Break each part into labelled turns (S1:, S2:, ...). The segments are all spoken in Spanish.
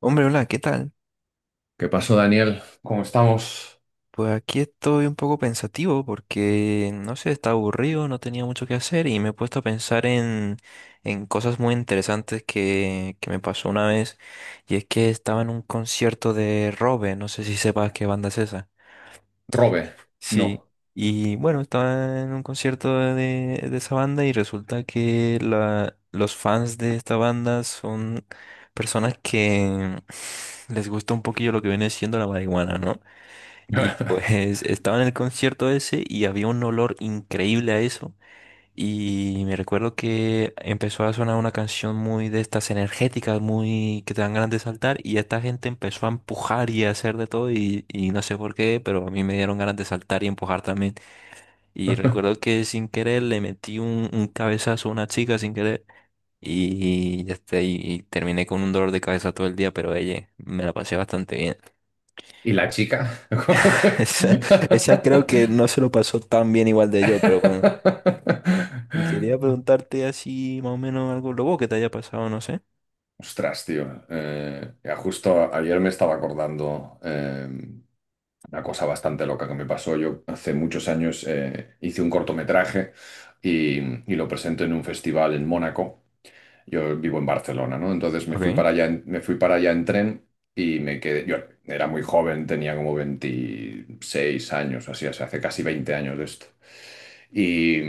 S1: Hombre, hola, ¿qué tal?
S2: ¿Qué pasó, Daniel? ¿Cómo estamos?
S1: Pues aquí estoy un poco pensativo porque, no sé, estaba aburrido, no tenía mucho que hacer y me he puesto a pensar en cosas muy interesantes que me pasó una vez, y es que estaba en un concierto de Robe, no sé si sepas qué banda es esa.
S2: Robe,
S1: Sí,
S2: no.
S1: y bueno, estaba en un concierto de esa banda y resulta que los fans de esta banda son personas que les gusta un poquillo lo que viene siendo la marihuana, ¿no? Y pues estaba en el concierto ese y había un olor increíble a eso. Y me recuerdo que empezó a sonar una canción muy de estas energéticas, muy que te dan ganas de saltar. Y esta gente empezó a empujar y a hacer de todo. Y no sé por qué, pero a mí me dieron ganas de saltar y empujar también. Y recuerdo que sin querer le metí un cabezazo a una chica sin querer. Y ya está, y terminé con un dolor de cabeza todo el día, pero ella me la pasé bastante bien.
S2: ¿Y la chica?
S1: Esa, esa creo que no se lo pasó tan bien igual de yo, pero bueno. Y quería preguntarte así más o menos algo loco que te haya pasado, no sé.
S2: Ostras, tío. Ya justo ayer me estaba acordando una cosa bastante loca que me pasó. Yo hace muchos años hice un cortometraje y, y lo presenté en un festival en Mónaco. Yo vivo en Barcelona, ¿no? Entonces
S1: Ok.
S2: me fui para allá en tren y me quedé. Yo era muy joven, tenía como 26 años, así, o sea, hace casi 20 años de esto. Y,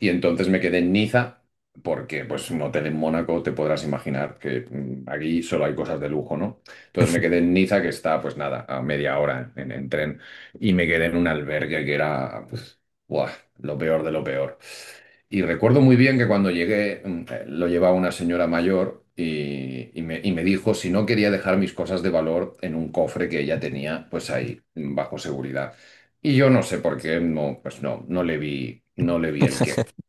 S2: y entonces me quedé en Niza porque, pues, un hotel en Mónaco te podrás imaginar que, aquí solo hay cosas de lujo, ¿no? Entonces me quedé en Niza, que está, pues nada, a media hora en tren, y me quedé en un albergue que era, pues, buah, lo peor de lo peor. Y recuerdo muy bien que cuando llegué, lo llevaba una señora mayor y me dijo si no quería dejar mis cosas de valor en un cofre que ella tenía pues ahí, bajo seguridad. Y yo no sé por qué, no, pues no, no le vi el qué.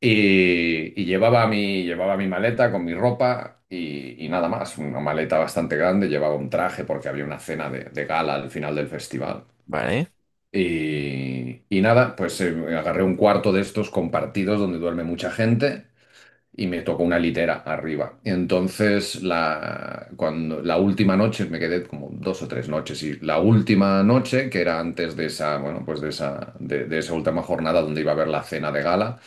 S2: Llevaba mi maleta con mi ropa y nada más, una maleta bastante grande, llevaba un traje porque había una cena de gala al final del festival.
S1: Vale,
S2: Y nada, agarré un cuarto de estos compartidos donde duerme mucha gente y me tocó una litera arriba. Entonces, la última noche, me quedé como dos o tres noches, y la última noche, que era antes de esa, bueno, de esa última jornada donde iba a haber la cena de gala,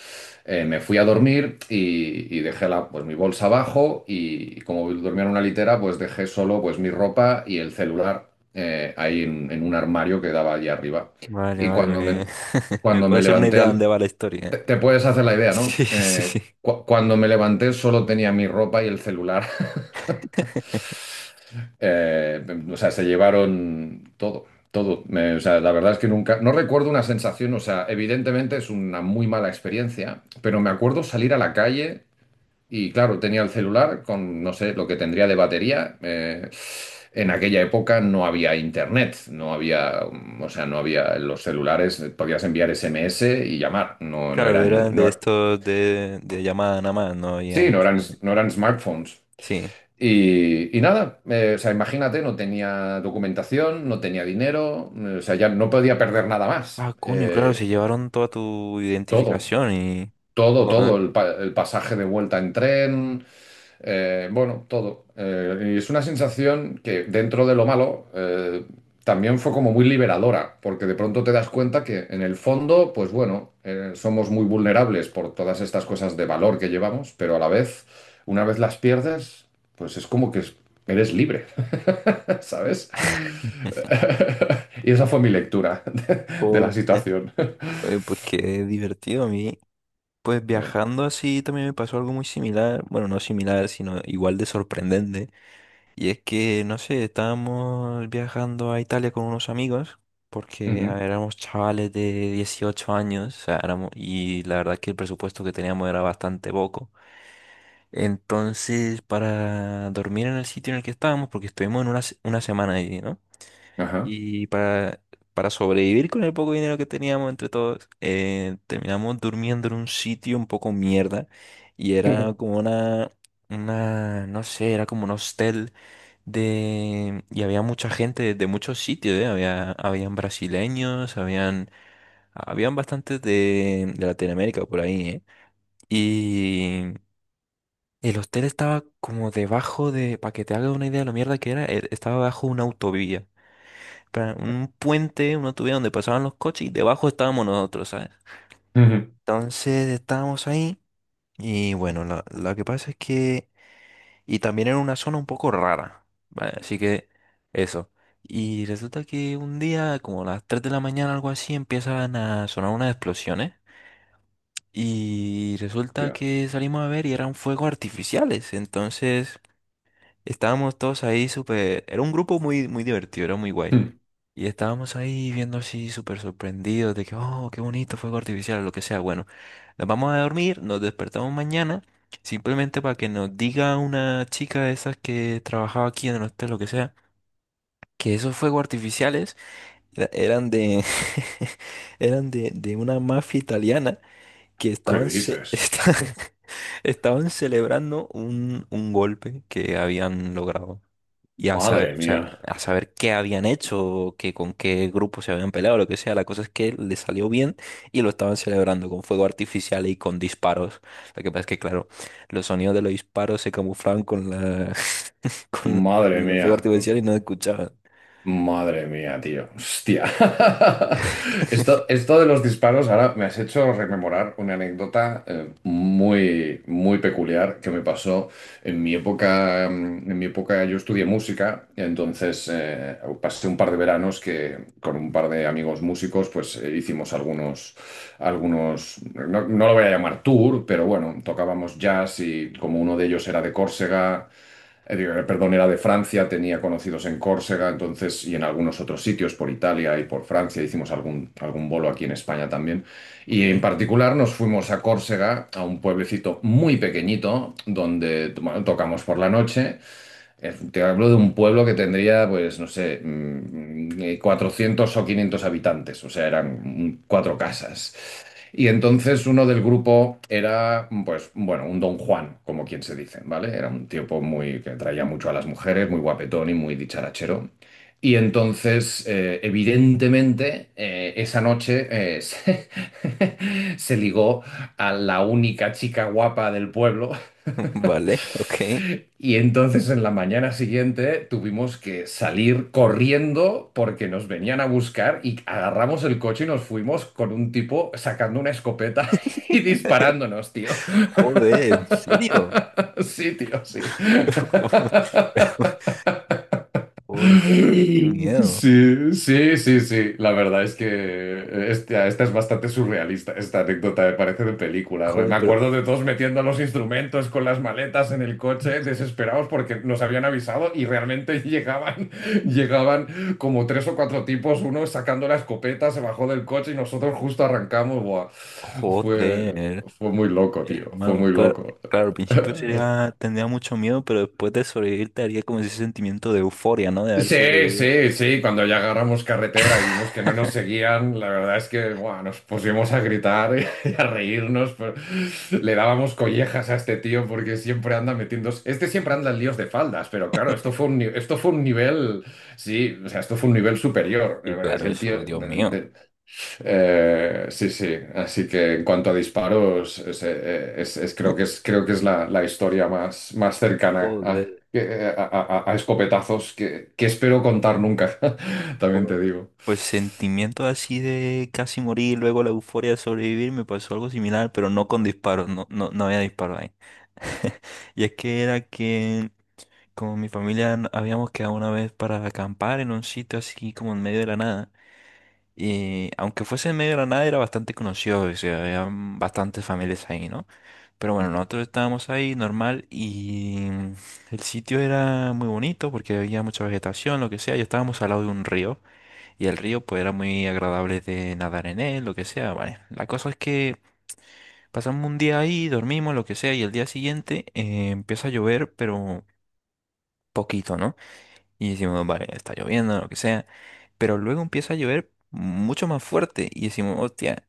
S2: me fui a dormir y dejé pues, mi bolsa abajo y como dormía en una litera, pues dejé solo pues, mi ropa y el celular, en un armario que daba allí arriba.
S1: vale,
S2: Y
S1: vale.
S2: cuando me,
S1: Me
S2: Cuando
S1: puedo
S2: me
S1: hacer una
S2: levanté
S1: idea de dónde
S2: al...
S1: va la historia.
S2: Te, te puedes hacer la idea,
S1: Sí,
S2: ¿no?
S1: sí, sí.
S2: Cuando me levanté solo tenía mi ropa y el celular. Eh, o sea, se llevaron todo, todo. O sea, la verdad es que nunca, no recuerdo una sensación, o sea, evidentemente es una muy mala experiencia, pero me acuerdo salir a la calle y claro, tenía el celular con, no sé, lo que tendría de batería. En aquella época no había internet, no había, mm, o sea, no había los celulares, podías enviar SMS y llamar, no, no
S1: Claro,
S2: eran,
S1: eran de
S2: no,
S1: estos de llamada nada más, no había
S2: Sí,
S1: mucho. De-
S2: no eran smartphones.
S1: sí.
S2: Y nada, O sea, imagínate, no tenía documentación, no tenía dinero, o sea, ya no podía perder nada más.
S1: Ah, coño, claro, se llevaron toda tu
S2: Todo,
S1: identificación y...
S2: Todo,
S1: Joder,
S2: el pasaje de vuelta en tren, bueno, todo. Y es una sensación que dentro de lo malo, también fue como muy liberadora, porque de pronto te das cuenta que en el fondo, pues bueno, somos muy vulnerables por todas estas cosas de valor que llevamos, pero a la vez, una vez las pierdes, pues es como que es- eres libre, ¿sabes? Y esa fue mi lectura de la
S1: joder.
S2: situación.
S1: Oye, pues qué divertido a mí. Pues
S2: Eh,
S1: viajando así también me pasó algo muy similar, bueno, no similar, sino igual de sorprendente. Y es que, no sé, estábamos viajando a Italia con unos amigos, porque a
S2: ujú,
S1: ver, éramos chavales de 18 años, o sea, éramos, y la verdad que el presupuesto que teníamos era bastante poco. Entonces, para dormir en el sitio en el que estábamos, porque estuvimos en una semana ahí, ¿no?
S2: ajá.
S1: Y para, para sobrevivir con el poco dinero que teníamos entre todos, terminamos durmiendo en un sitio un poco mierda. Y era como no sé, era como un hostel de... Y había mucha gente de muchos sitios, ¿eh? Había, habían brasileños, habían bastantes de Latinoamérica por ahí, ¿eh? Y... El hostel estaba como debajo de, para que te hagas una idea de lo mierda que era, estaba bajo un puente, una tubería donde pasaban los coches y debajo estábamos nosotros, ¿sabes?
S2: Ujú.
S1: Entonces estábamos ahí y bueno, la que pasa es que... Y también era una zona un poco rara, ¿vale? Así que eso. Y resulta que un día, como a las 3 de la mañana, algo así, empiezan a sonar unas explosiones. Y resulta
S2: Ya.
S1: que salimos a ver y eran fuegos artificiales. Entonces estábamos todos ahí súper... Era un grupo muy, muy divertido, era muy guay.
S2: Hmm.
S1: Y estábamos ahí viendo así súper sorprendidos de que, oh, qué bonito, fuego artificial, o lo que sea. Bueno, nos vamos a dormir, nos despertamos mañana, simplemente para que nos diga una chica de esas que trabajaba aquí en el hotel, lo que sea, que esos fuegos artificiales eran de, eran de una mafia italiana que
S2: ¿Qué dices?
S1: estaban celebrando un golpe que habían logrado y a saber,
S2: Madre
S1: o sea,
S2: mía.
S1: a saber qué habían hecho, que con qué grupo se habían peleado, lo que sea. La cosa es que le salió bien y lo estaban celebrando con fuego artificial y con disparos. Lo que pasa es que, claro, los sonidos de los disparos se camuflaban con la con,
S2: Madre
S1: con el fuego
S2: mía,
S1: artificial y no escuchaban.
S2: madre mía, tío. Hostia. Esto, esto de los disparos, ahora me has hecho rememorar una anécdota, muy, muy peculiar que me pasó en mi época. En mi época yo estudié música, entonces pasé un par de veranos que con un par de amigos músicos, pues hicimos algunos, algunos, no, no lo voy a llamar tour, pero bueno, tocábamos jazz y como uno de ellos era de Córcega, perdón, era de Francia, tenía conocidos en Córcega, entonces, y en algunos otros sitios, por Italia y por Francia, hicimos algún, algún bolo aquí en España también. Y en
S1: Ok.
S2: particular nos fuimos a Córcega, a un pueblecito muy pequeñito, donde bueno, tocamos por la noche. Te hablo de un pueblo que tendría, pues, no sé, 400 o 500 habitantes, o sea, eran, cuatro casas. Y entonces uno del grupo era, pues, bueno, un don Juan, como quien se dice, ¿vale? Era un tipo muy que traía mucho a las mujeres, muy guapetón y muy dicharachero. Y entonces, evidentemente, esa noche, se ligó a la única chica guapa del pueblo
S1: Vale, ok.
S2: y entonces en la mañana siguiente tuvimos que salir corriendo porque nos venían a buscar y agarramos el coche y nos fuimos con un tipo sacando una escopeta y disparándonos, tío.
S1: Joder, ¿en serio?
S2: Sí, tío, sí.
S1: Pero, ¿cómo? Pero, joder, qué miedo.
S2: Sí, sí, sí, sí. La verdad es que esta es bastante surrealista, esta anécdota me parece de película.
S1: Joder,
S2: Me
S1: pero,
S2: acuerdo de todos metiendo los instrumentos con las maletas en el coche, desesperados porque nos habían avisado y realmente, llegaban como tres o cuatro tipos, uno sacando la escopeta, se bajó del coche y nosotros justo arrancamos. Buah. Fue,
S1: joder.
S2: Fue muy loco, tío, fue
S1: Hermano,
S2: muy
S1: claro,
S2: loco.
S1: claro, al principio sería, tendría mucho miedo, pero después de sobrevivir te haría como ese sentimiento de euforia, ¿no? De haber
S2: Sí,
S1: sobrevivido.
S2: sí, sí, cuando ya agarramos carretera y vimos que no nos seguían, la verdad es que buah, nos pusimos a gritar y a reírnos, pero le dábamos collejas a este tío porque siempre anda metiendo, este siempre anda en líos de faldas, pero claro, esto fue un, ni- esto fue un nivel, sí, o sea, esto fue un nivel superior.
S1: Y
S2: Es
S1: claro,
S2: el tío,
S1: eso, Dios mío.
S2: sí, sí. Así que en cuanto a disparos, es, creo que es la, la historia más, más cercana a,
S1: Joder.
S2: que- a- a escopetazos que espero contar nunca. También
S1: jo-
S2: te digo.
S1: Pues sentimiento así de casi morir, luego la euforia de sobrevivir, me pasó algo similar, pero no con disparos, no, no, no había disparo ahí. Y es que era que como mi familia habíamos quedado una vez para acampar en un sitio así como en medio de la nada. Y aunque fuese en medio de la nada, era bastante conocido, o sea, habían bastantes familias ahí, ¿no? Pero bueno, nosotros estábamos ahí normal y el sitio era muy bonito porque había mucha vegetación, lo que sea, y estábamos al lado de un río y el río pues era muy agradable de nadar en él, lo que sea, vale. La cosa es que pasamos un día ahí, dormimos, lo que sea, y el día siguiente empieza a llover, pero poquito, ¿no? Y decimos, vale, está lloviendo, lo que sea. Pero luego empieza a llover mucho más fuerte. Y decimos, hostia,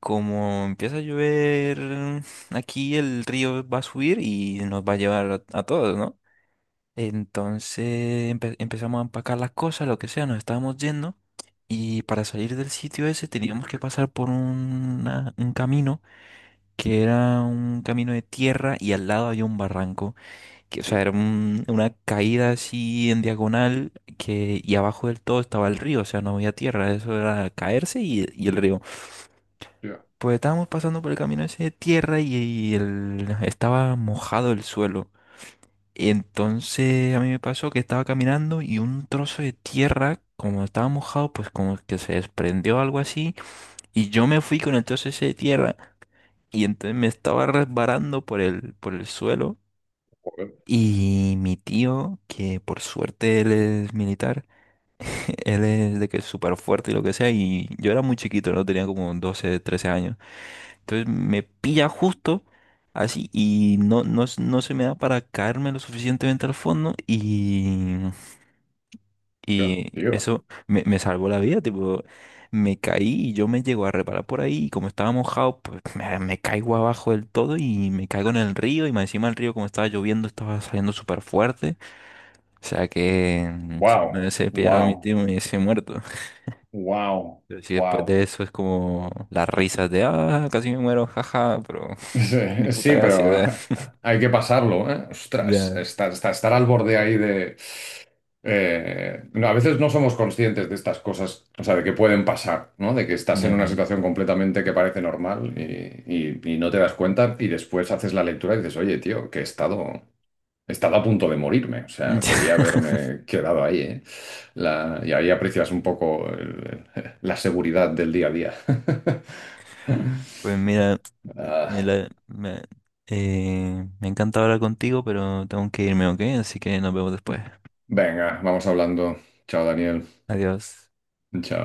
S1: como empieza a llover, aquí el río va a subir y nos va a llevar a todos, ¿no? Entonces empezamos a empacar las cosas, lo que sea, nos estábamos yendo. Y para salir del sitio ese teníamos que pasar por un camino que era un camino de tierra y al lado había un barranco que, o sea,
S2: Tío,
S1: era una caída así en diagonal que, y abajo del todo estaba el río, o sea, no había tierra, eso era caerse y el río.
S2: tío,
S1: Pues estábamos pasando por el camino ese de tierra y, estaba mojado el suelo. Y entonces a mí me pasó que estaba caminando y un trozo de tierra, como estaba mojado, pues como que se desprendió algo así. Y yo me fui con el trozo ese de tierra y entonces me estaba resbalando por por el suelo.
S2: joder,
S1: Y mi tío, que por suerte él es militar, él es de que es súper fuerte y lo que sea, y yo era muy chiquito, no tenía como 12 13 años. Entonces me pilla justo así y no, no, no se me da para caerme lo suficientemente al fondo, y,
S2: tío,
S1: y
S2: tío.
S1: eso me salvó la vida, tipo, me caí y yo me llego a reparar por ahí y como estaba mojado, pues me caigo abajo del todo y me caigo en el río y más encima el río como estaba lloviendo estaba saliendo súper fuerte. O sea que si no
S2: Wow,
S1: hubiese pillado a mi
S2: wow,
S1: tío me hubiese muerto.
S2: wow,
S1: Pero si después
S2: wow.
S1: de eso es como las risas de, ah, casi me muero, jaja, pero ni
S2: Sí,
S1: puta
S2: sí,
S1: gracia, o
S2: pero
S1: sea,
S2: hay que pasarlo, ¿eh? Ostras,
S1: ya,
S2: estar, al borde ahí de... No, a veces no somos conscientes de estas cosas, o sea, de que pueden pasar, ¿no? De que estás en una
S1: ya,
S2: situación completamente que parece normal y no te das cuenta y después haces la lectura y dices, oye, tío, he estado a punto de morirme, o sea, podía
S1: ya.
S2: haberme quedado ahí, ¿eh? Y ahí aprecias un poco la seguridad del día a día.
S1: Pues mira,
S2: Ah,
S1: me encanta hablar contigo, pero tengo que irme, ¿ok? Así que nos vemos después.
S2: venga, vamos hablando. Chao, Daniel.
S1: Adiós.
S2: Chao.